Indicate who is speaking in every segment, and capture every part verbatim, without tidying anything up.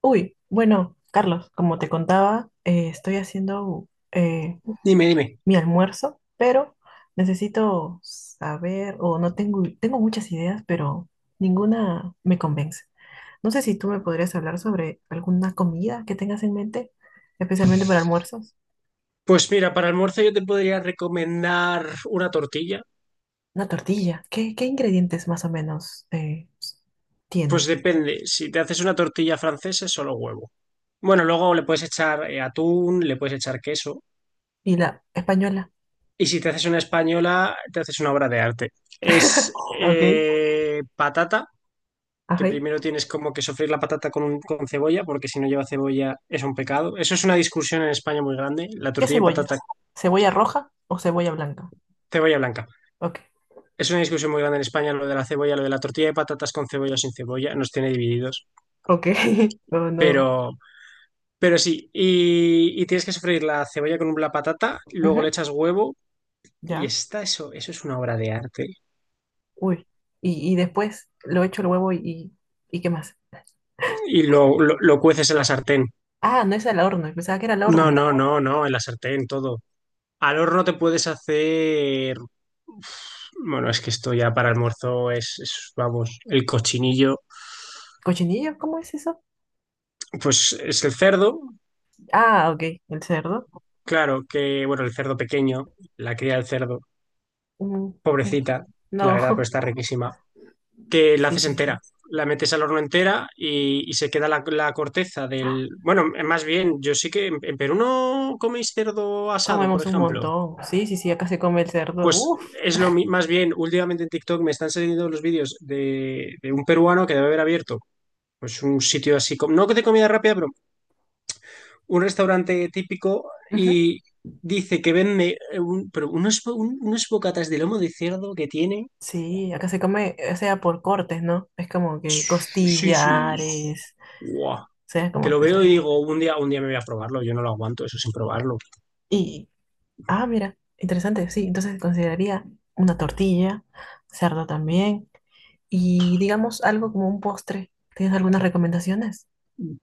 Speaker 1: Uy, bueno, Carlos, como te contaba, eh, estoy haciendo eh,
Speaker 2: Dime, dime.
Speaker 1: mi almuerzo, pero necesito saber, o no tengo, tengo muchas ideas, pero ninguna me convence. No sé si tú me podrías hablar sobre alguna comida que tengas en mente, especialmente para almuerzos.
Speaker 2: Pues mira, para almuerzo yo te podría recomendar una tortilla.
Speaker 1: Una tortilla, ¿qué, ¿qué ingredientes más o menos eh,
Speaker 2: Pues
Speaker 1: tiene?
Speaker 2: depende, si te haces una tortilla francesa es solo huevo. Bueno, luego le puedes echar eh, atún, le puedes echar queso.
Speaker 1: Y la española.
Speaker 2: Y si te haces una española, te haces una obra de arte. Es
Speaker 1: Ok.
Speaker 2: eh, patata, que
Speaker 1: Ajá.
Speaker 2: primero tienes como que sofreír la patata con, un- con cebolla, porque si no lleva cebolla es un pecado. Eso es una discusión en España muy grande, la
Speaker 1: ¿Qué
Speaker 2: tortilla de
Speaker 1: cebolla?
Speaker 2: patata.
Speaker 1: ¿Cebolla roja o cebolla blanca?
Speaker 2: Cebolla blanca.
Speaker 1: Ok.
Speaker 2: Es una discusión muy grande en España lo de la cebolla, lo de la tortilla de patatas con cebolla o sin cebolla, nos tiene divididos.
Speaker 1: Ok, no, no.
Speaker 2: Pero, pero sí, y, y tienes que sofreír la cebolla con la patata, luego le
Speaker 1: Ujú,
Speaker 2: echas huevo y
Speaker 1: ya.
Speaker 2: está eso, eso es una obra de arte.
Speaker 1: Uy. Y, y después lo echo el huevo y, ¿y qué más?
Speaker 2: Y lo, lo, lo cueces en la sartén.
Speaker 1: Ah, no es al horno. Pensaba que era al
Speaker 2: No,
Speaker 1: horno.
Speaker 2: no, no, no, en la sartén, todo. Al horno te puedes hacer, bueno, es que esto ya para almuerzo es, es, vamos, el cochinillo,
Speaker 1: ¿Cochinillo? ¿Cómo es eso?
Speaker 2: pues es el cerdo,
Speaker 1: Ah, ok. El cerdo.
Speaker 2: claro, que, bueno, el cerdo pequeño, la cría del cerdo,
Speaker 1: Mm, mm.
Speaker 2: pobrecita, la verdad, pero
Speaker 1: No.
Speaker 2: está riquísima. Que la
Speaker 1: Sí,
Speaker 2: haces
Speaker 1: sí, sí,
Speaker 2: entera.
Speaker 1: sí.
Speaker 2: La metes al horno entera y, y se queda la, la corteza
Speaker 1: ¡Ah!
Speaker 2: del. Bueno, más bien, yo sí que en, en Perú no coméis cerdo asado, por
Speaker 1: Comemos un
Speaker 2: ejemplo.
Speaker 1: montón. Sí, sí, sí. Acá se come el cerdo.
Speaker 2: Pues
Speaker 1: Uf.
Speaker 2: es lo mi- más bien, últimamente en TikTok me están saliendo los vídeos de, de un peruano que debe haber abierto pues un sitio así, como, no de comida rápida, pero un restaurante típico
Speaker 1: Ujú.
Speaker 2: y dice que vende eh, un- pero unos, bo- un- unos bocatas de lomo de cerdo que tiene.
Speaker 1: Sí, acá se come, o sea, por cortes, ¿no? Es como que
Speaker 2: Sí, sí.
Speaker 1: costillares.
Speaker 2: Guau.
Speaker 1: O sea,
Speaker 2: Que
Speaker 1: como
Speaker 2: lo veo y
Speaker 1: especialidad.
Speaker 2: digo, un día, un día me voy a probarlo, yo no lo aguanto eso sin probarlo.
Speaker 1: Y, ah, mira, interesante, sí. Entonces consideraría una tortilla, cerdo también, y digamos algo como un postre. ¿Tienes algunas recomendaciones?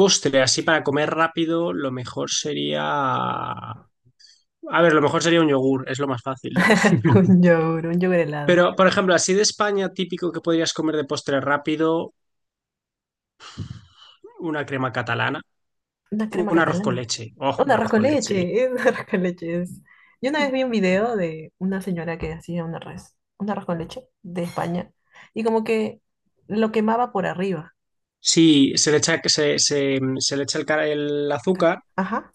Speaker 2: Postre, así para comer rápido, lo mejor sería. A ver, lo mejor sería un yogur, es lo más fácil, ¿no?
Speaker 1: Un yogur, un yogur helado,
Speaker 2: Pero, por ejemplo, así de España, típico que podrías comer de postre rápido, una crema catalana,
Speaker 1: una crema
Speaker 2: un arroz con
Speaker 1: catalana,
Speaker 2: leche. Oh,
Speaker 1: un
Speaker 2: un
Speaker 1: arroz
Speaker 2: arroz
Speaker 1: con
Speaker 2: con leche.
Speaker 1: leche, un arroz con leche es. Yo una vez vi un video de una señora que hacía un arroz, un arroz con leche de España, y como que lo quemaba por arriba.
Speaker 2: Sí, se le echa, se, se, se le echa el, el
Speaker 1: Ca-
Speaker 2: azúcar,
Speaker 1: ajá.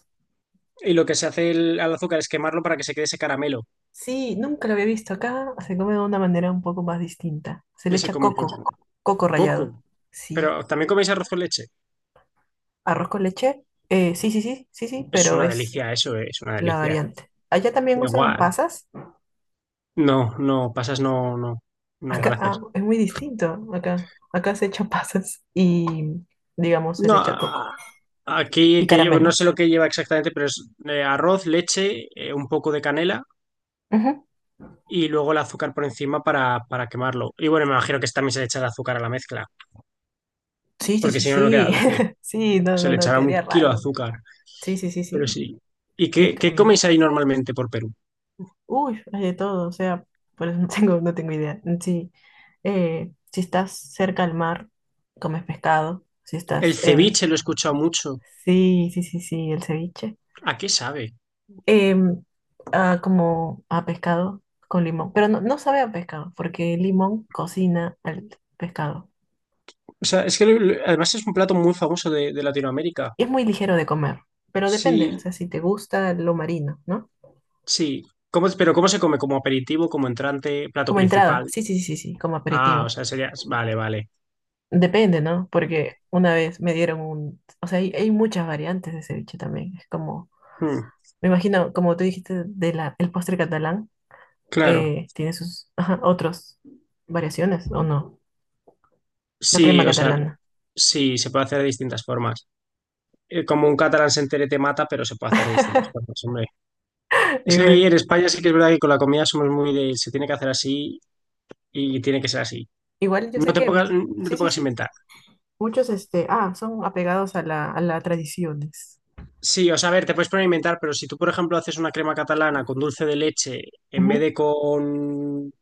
Speaker 2: y lo que se hace el- al azúcar es quemarlo para que se quede ese caramelo
Speaker 1: Sí, nunca lo había visto acá. Se come de una manera un poco más distinta. Se le
Speaker 2: que se
Speaker 1: echa
Speaker 2: come por
Speaker 1: coco, coco
Speaker 2: coco.
Speaker 1: rallado.
Speaker 2: Pero,
Speaker 1: Sí.
Speaker 2: ¿también coméis arroz con leche?
Speaker 1: ¿Arroz con leche? Eh, sí, sí, sí, sí, sí,
Speaker 2: Es
Speaker 1: pero
Speaker 2: una
Speaker 1: es
Speaker 2: delicia, eso eh, es una
Speaker 1: la
Speaker 2: delicia.
Speaker 1: variante. ¿Allá también
Speaker 2: Da
Speaker 1: usan
Speaker 2: igual.
Speaker 1: pasas?
Speaker 2: No, no, pasas, no, no, no,
Speaker 1: Acá, ah,
Speaker 2: gracias.
Speaker 1: es muy distinto. Acá, acá se echa pasas y, digamos, se
Speaker 2: No,
Speaker 1: le echa coco
Speaker 2: a-
Speaker 1: y
Speaker 2: aquí que yo no
Speaker 1: caramelo.
Speaker 2: sé lo que lleva exactamente, pero es eh, arroz, leche, eh, un poco de canela
Speaker 1: Ujú.
Speaker 2: y luego el azúcar por encima para, para quemarlo. Y bueno, me imagino que también se le echa azúcar a la mezcla,
Speaker 1: Sí, sí,
Speaker 2: porque
Speaker 1: sí,
Speaker 2: si no, no queda
Speaker 1: sí.
Speaker 2: dulce.
Speaker 1: Sí, no,
Speaker 2: Se
Speaker 1: no,
Speaker 2: le
Speaker 1: no,
Speaker 2: echará un
Speaker 1: quedaría
Speaker 2: kilo de
Speaker 1: raro.
Speaker 2: azúcar,
Speaker 1: Sí, sí, sí,
Speaker 2: pero
Speaker 1: sí.
Speaker 2: sí. ¿Y
Speaker 1: Y el
Speaker 2: qué, qué
Speaker 1: caramelo.
Speaker 2: coméis ahí normalmente por Perú?
Speaker 1: Uy, hay de todo, o sea, por eso no tengo, no tengo idea. Sí, eh, si estás cerca al mar, comes pescado. Si
Speaker 2: El
Speaker 1: estás en...
Speaker 2: ceviche lo he escuchado mucho.
Speaker 1: Sí, sí, sí, sí, el ceviche.
Speaker 2: ¿A qué sabe?
Speaker 1: Em, ah, como a pescado con limón, pero no, no sabe a pescado, porque el limón cocina al pescado.
Speaker 2: O sea, es que lo- lo- además es un plato muy famoso de, de Latinoamérica.
Speaker 1: Y es muy ligero de comer, pero
Speaker 2: Sí,
Speaker 1: depende, o sea, si te gusta lo marino, ¿no?
Speaker 2: sí. ¿Cómo, pero ¿cómo se come? ¿Como aperitivo, como entrante, plato
Speaker 1: Como entrada,
Speaker 2: principal?
Speaker 1: sí, sí, sí, sí, sí, como
Speaker 2: Ah, o
Speaker 1: aperitivo.
Speaker 2: sea, sería. Vale, vale.
Speaker 1: Depende, ¿no? Porque una vez me dieron un... O sea, hay, hay muchas variantes de ceviche también. Es como,
Speaker 2: Mm,
Speaker 1: me imagino, como tú dijiste, de la, el postre catalán,
Speaker 2: claro.
Speaker 1: eh, tiene sus ajá, otras variaciones, ¿o no? La
Speaker 2: Sí,
Speaker 1: crema
Speaker 2: o sea,
Speaker 1: catalana.
Speaker 2: sí, se puede hacer de distintas formas. Eh, como un catalán se entere te mata, pero se puede hacer de distintas formas, hombre. Es que aquí
Speaker 1: Igual,
Speaker 2: en España sí que es verdad que con la comida somos muy de: se tiene que hacer así y tiene que ser así.
Speaker 1: igual yo sé
Speaker 2: No te
Speaker 1: que...
Speaker 2: pongas, no
Speaker 1: Sí,
Speaker 2: te
Speaker 1: sí,
Speaker 2: pongas a
Speaker 1: sí.
Speaker 2: inventar.
Speaker 1: Muchos, este, ah, son apegados a la, a las tradiciones.
Speaker 2: Sí, o sea, a ver, te puedes poner a inventar, pero si tú, por ejemplo, haces una crema catalana con dulce de leche en vez
Speaker 1: Ujú.
Speaker 2: de con.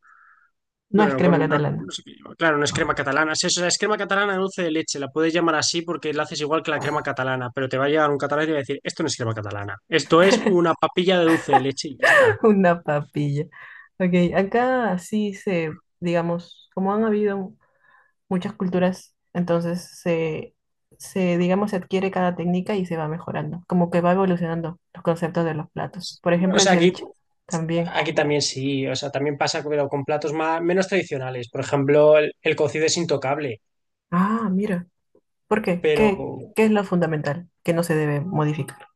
Speaker 1: No es
Speaker 2: Bueno,
Speaker 1: crema
Speaker 2: con una,
Speaker 1: catalana,
Speaker 2: no sé qué lleva. Claro, una crema catalana. Sí, eso, es crema catalana de dulce de leche. La puedes llamar así porque la haces igual que la crema catalana, pero te va a llegar un catalán y te va a decir, esto no es crema catalana. Esto es una papilla de dulce de leche y ya está.
Speaker 1: una papilla. Ok, acá sí se, digamos, como han habido muchas culturas, entonces se, se, digamos, se adquiere cada técnica y se va mejorando, como que va evolucionando los conceptos de los platos. Por
Speaker 2: O
Speaker 1: ejemplo, el
Speaker 2: sea, aquí,
Speaker 1: ceviche también.
Speaker 2: aquí también sí. O sea, también pasa pero con platos más, menos tradicionales. Por ejemplo, el, el cocido es intocable,
Speaker 1: Ah, mira, ¿por qué?
Speaker 2: pero.
Speaker 1: ¿Qué, ¿qué es lo fundamental que no se debe modificar?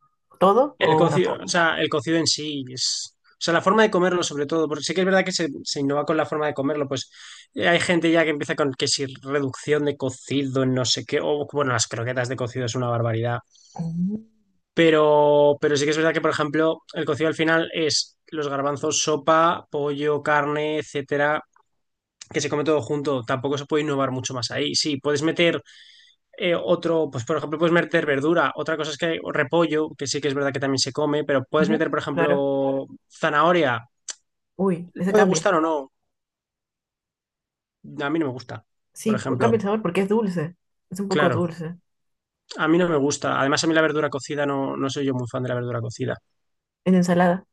Speaker 1: ¿Todo
Speaker 2: El
Speaker 1: o una
Speaker 2: cocido,
Speaker 1: parte?
Speaker 2: o sea, el cocido en sí es. O sea, la forma de comerlo, sobre todo, porque sí que es verdad que se, se innova con la forma de comerlo, pues eh, hay gente ya que empieza con que si reducción de cocido, en no sé qué, o bueno, las croquetas de cocido es una barbaridad.
Speaker 1: Mm,
Speaker 2: Pero, pero sí que es verdad que, por ejemplo, el cocido al final es los garbanzos, sopa, pollo, carne, etcétera, que se come todo junto. Tampoco se puede innovar mucho más ahí. Sí, puedes meter eh, otro, pues por ejemplo, puedes meter verdura. Otra cosa es que hay repollo, que sí que es verdad que también se come, pero puedes
Speaker 1: ujú,
Speaker 2: meter, por
Speaker 1: claro.
Speaker 2: ejemplo, zanahoria.
Speaker 1: Uy, ese
Speaker 2: Puede
Speaker 1: cambia.
Speaker 2: gustar o no. A mí no me gusta,
Speaker 1: Sí,
Speaker 2: por
Speaker 1: pu- cambia el
Speaker 2: ejemplo.
Speaker 1: sabor porque es dulce, es un poco
Speaker 2: Claro,
Speaker 1: dulce.
Speaker 2: a mí no me gusta. Además, a mí la verdura cocida no, no soy yo muy fan de la verdura cocida.
Speaker 1: En ensalada,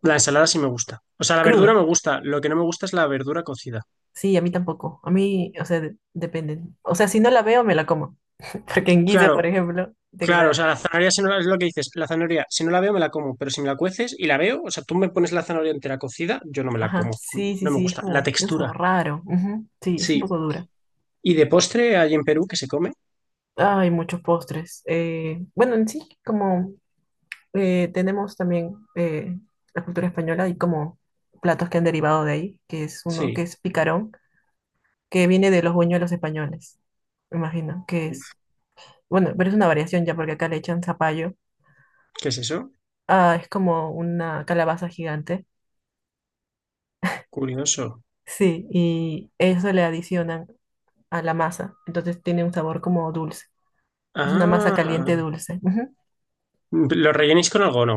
Speaker 2: La ensalada sí me gusta. O sea, la verdura
Speaker 1: crudo.
Speaker 2: me gusta. Lo que no me gusta es la verdura cocida.
Speaker 1: Sí, a mí tampoco. A mí, o sea, de- dependen. O sea, si no la veo, me la como. Porque en guisa, por
Speaker 2: Claro,
Speaker 1: ejemplo, te
Speaker 2: claro. O
Speaker 1: quedará.
Speaker 2: sea, la zanahoria, si no la- es lo que dices, la zanahoria, si no la veo, me la como. Pero si me la cueces y la veo, o sea, tú me pones la zanahoria entera cocida, yo no me la
Speaker 1: Ajá,
Speaker 2: como.
Speaker 1: sí, sí,
Speaker 2: No me
Speaker 1: sí, es
Speaker 2: gusta. La
Speaker 1: como, tiene un
Speaker 2: textura.
Speaker 1: sabor raro. Ujú, sí, es un
Speaker 2: Sí.
Speaker 1: poco dura.
Speaker 2: ¿Y de postre hay en Perú que se come?
Speaker 1: Hay muchos postres. Eh, bueno, en sí, como eh, tenemos también eh, la cultura española y como platos que han derivado de ahí, que es uno que
Speaker 2: Sí.
Speaker 1: es picarón, que viene de los buñuelos españoles, me imagino, que es, bueno, pero es una variación ya porque acá le echan zapallo.
Speaker 2: ¿Qué es eso?
Speaker 1: Ah, es como una calabaza gigante.
Speaker 2: Curioso.
Speaker 1: Sí, y eso le adicionan a la masa, entonces tiene un sabor como dulce. Es una masa caliente
Speaker 2: Ah,
Speaker 1: dulce. Ujú.
Speaker 2: ¿lo rellenéis con algo o no?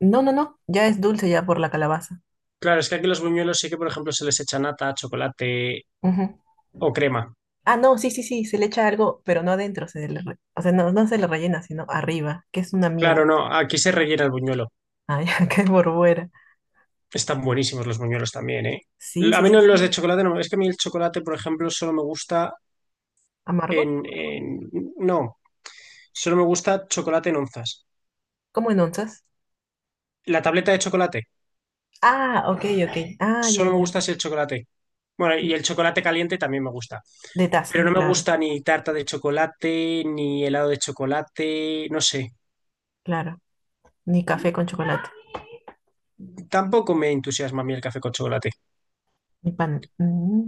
Speaker 1: No, no, no, ya es dulce ya por la calabaza.
Speaker 2: Claro, es que aquí los buñuelos sí que, por ejemplo, se les echa nata, chocolate
Speaker 1: Ujú.
Speaker 2: o crema.
Speaker 1: Ah, no, sí, sí, sí, se le echa algo, pero no adentro, se le re- o sea, no, no se le rellena, sino arriba, que es una
Speaker 2: Claro,
Speaker 1: miel.
Speaker 2: no, aquí se rellena el buñuelo.
Speaker 1: Ay, qué borbuera.
Speaker 2: Están buenísimos los buñuelos también, ¿eh?
Speaker 1: Sí,
Speaker 2: A
Speaker 1: sí,
Speaker 2: mí no
Speaker 1: sí,
Speaker 2: los de
Speaker 1: sí.
Speaker 2: chocolate, no. Es que a mí el chocolate, por ejemplo, solo me gusta
Speaker 1: ¿Amargo?
Speaker 2: en, en- no, solo me gusta chocolate en onzas.
Speaker 1: ¿Cómo en onzas?
Speaker 2: La tableta de chocolate.
Speaker 1: Ah, ok, ok. Ah, ya, ya,
Speaker 2: Solo me
Speaker 1: ya.
Speaker 2: gusta así el chocolate. Bueno, y
Speaker 1: Sí,
Speaker 2: el chocolate caliente también me gusta.
Speaker 1: de
Speaker 2: Pero
Speaker 1: taza,
Speaker 2: no me
Speaker 1: claro,
Speaker 2: gusta ni tarta de chocolate, ni helado de chocolate, no sé.
Speaker 1: claro. Ni café con chocolate,
Speaker 2: Tampoco me entusiasma a mí el café con chocolate.
Speaker 1: ni pan.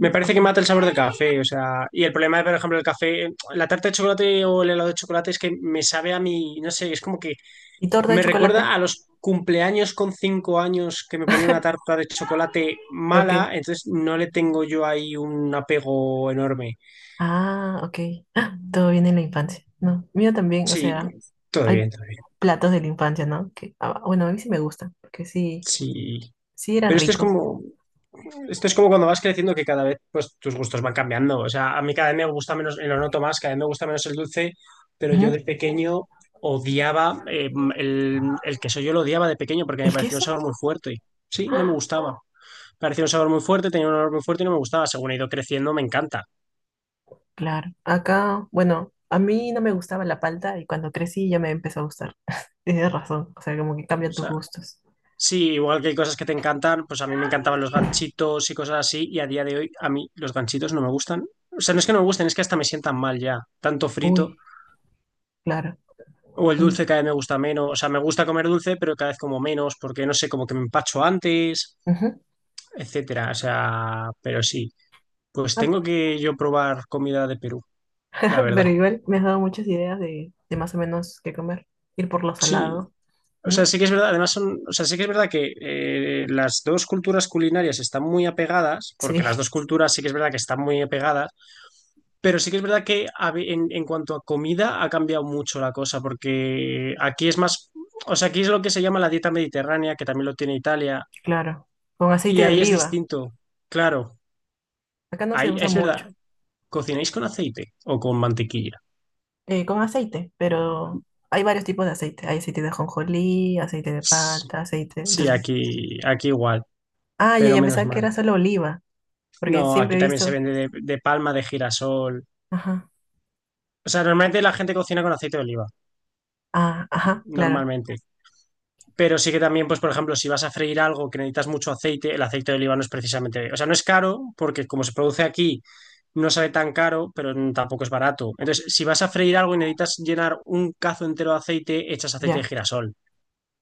Speaker 2: Me parece
Speaker 1: ok.
Speaker 2: que mata el sabor del café, o sea, y el problema, por ejemplo, el café, la tarta de chocolate o el helado de chocolate es que me sabe a mí, no sé, es como que
Speaker 1: ¿Y torta de
Speaker 2: me
Speaker 1: chocolate?
Speaker 2: recuerda a los cumpleaños con cinco años que me ponía una tarta de chocolate
Speaker 1: Ok.
Speaker 2: mala, entonces no le tengo yo ahí un apego enorme.
Speaker 1: Ah, ok. Ah, todo viene en la infancia. No, mío también, o
Speaker 2: Sí,
Speaker 1: sea,
Speaker 2: todo bien,
Speaker 1: hay
Speaker 2: todo bien.
Speaker 1: platos de la infancia, ¿no? Que, ah, bueno, a mí sí me gustan, porque sí,
Speaker 2: Sí,
Speaker 1: sí eran
Speaker 2: pero esto es
Speaker 1: ricos.
Speaker 2: como, esto es como cuando vas creciendo que cada vez pues, tus gustos van cambiando. O sea, a mí cada vez me gusta menos, y lo noto más, cada vez me gusta menos el dulce, pero yo
Speaker 1: Ujú.
Speaker 2: de pequeño odiaba, eh, el, el queso yo lo odiaba de pequeño porque me
Speaker 1: ¿El
Speaker 2: parecía un
Speaker 1: queso?
Speaker 2: sabor muy fuerte. Sí, no me gustaba. Parecía un sabor muy fuerte, tenía un olor muy fuerte y no me gustaba. Según he ido creciendo, me encanta.
Speaker 1: Claro. Acá, bueno, a mí no me gustaba la palta y cuando crecí ya me empezó a gustar. Tienes razón, o sea, como que cambian
Speaker 2: O
Speaker 1: tus
Speaker 2: sea,
Speaker 1: gustos.
Speaker 2: sí, igual que hay cosas que te encantan, pues a mí me encantaban los ganchitos y cosas así, y a día de hoy a mí los ganchitos no me gustan. O sea, no es que no me gusten, es que hasta me sientan mal ya. Tanto frito.
Speaker 1: Uy, claro.
Speaker 2: O el
Speaker 1: Mm,
Speaker 2: dulce cada vez me gusta menos. O sea, me gusta comer dulce, pero cada vez como menos, porque no sé, como que me empacho antes,
Speaker 1: ujú.
Speaker 2: etcétera. O sea, pero sí. Pues
Speaker 1: Ah,
Speaker 2: tengo que yo probar comida de Perú, la verdad.
Speaker 1: pero igual me has dado muchas ideas de, de más o menos qué comer. Ir por lo
Speaker 2: Sí.
Speaker 1: salado,
Speaker 2: O sea,
Speaker 1: ¿no?
Speaker 2: sí que es verdad, además son, o sea, sí que es verdad que eh, las dos culturas culinarias están muy apegadas, porque
Speaker 1: Sí,
Speaker 2: las dos culturas sí que es verdad que están muy apegadas, pero sí que es verdad que a ve- en, en cuanto a comida ha cambiado mucho la cosa, porque aquí es más, o sea, aquí es lo que se llama la dieta mediterránea, que también lo tiene Italia.
Speaker 1: claro. Con
Speaker 2: Y
Speaker 1: aceite de
Speaker 2: ahí es
Speaker 1: oliva.
Speaker 2: distinto. Claro,
Speaker 1: Acá no se
Speaker 2: ahí
Speaker 1: usa
Speaker 2: es verdad.
Speaker 1: mucho.
Speaker 2: ¿Cocináis con aceite o con mantequilla?
Speaker 1: Eh, con aceite, pero hay varios tipos de aceite. Hay aceite de ajonjolí, aceite de
Speaker 2: S-
Speaker 1: palta, aceite.
Speaker 2: Sí,
Speaker 1: Entonces,
Speaker 2: aquí, aquí igual,
Speaker 1: ah, ya,
Speaker 2: pero
Speaker 1: ya
Speaker 2: menos
Speaker 1: pensaba que
Speaker 2: mal.
Speaker 1: era solo oliva, porque
Speaker 2: No, aquí
Speaker 1: siempre he
Speaker 2: también se
Speaker 1: visto.
Speaker 2: vende de, de palma, de girasol.
Speaker 1: Ajá,
Speaker 2: O sea, normalmente la gente cocina con aceite de oliva,
Speaker 1: ah, ajá, claro,
Speaker 2: normalmente. Pero sí que también, pues, por ejemplo, si vas a freír algo que necesitas mucho aceite, el aceite de oliva no es precisamente, o sea, no es caro, porque como se produce aquí, no sale tan caro, pero tampoco es barato. Entonces, si vas a freír algo y necesitas llenar un cazo entero de aceite, echas aceite de
Speaker 1: ya,
Speaker 2: girasol.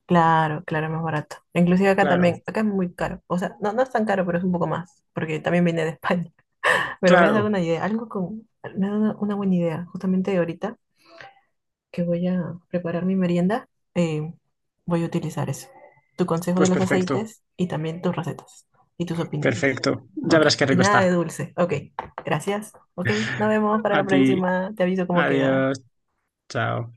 Speaker 1: claro, claro, es más barato. Inclusive acá
Speaker 2: Claro,
Speaker 1: también, acá es muy caro. O sea, no, no es tan caro, pero es un poco más, porque también viene de España. Pero me has dado
Speaker 2: claro.
Speaker 1: una idea, algo con, me has dado una buena idea, justamente ahorita, que voy a preparar mi merienda, eh, voy a utilizar eso. Tu consejo de
Speaker 2: Pues
Speaker 1: los
Speaker 2: perfecto,
Speaker 1: aceites y también tus recetas y tus opiniones.
Speaker 2: perfecto. Ya
Speaker 1: Ok,
Speaker 2: verás qué
Speaker 1: y
Speaker 2: rico
Speaker 1: nada
Speaker 2: está.
Speaker 1: de dulce. Ok, gracias. Ok, nos vemos para
Speaker 2: A
Speaker 1: la
Speaker 2: ti,
Speaker 1: próxima. Te aviso cómo queda.
Speaker 2: adiós, chao.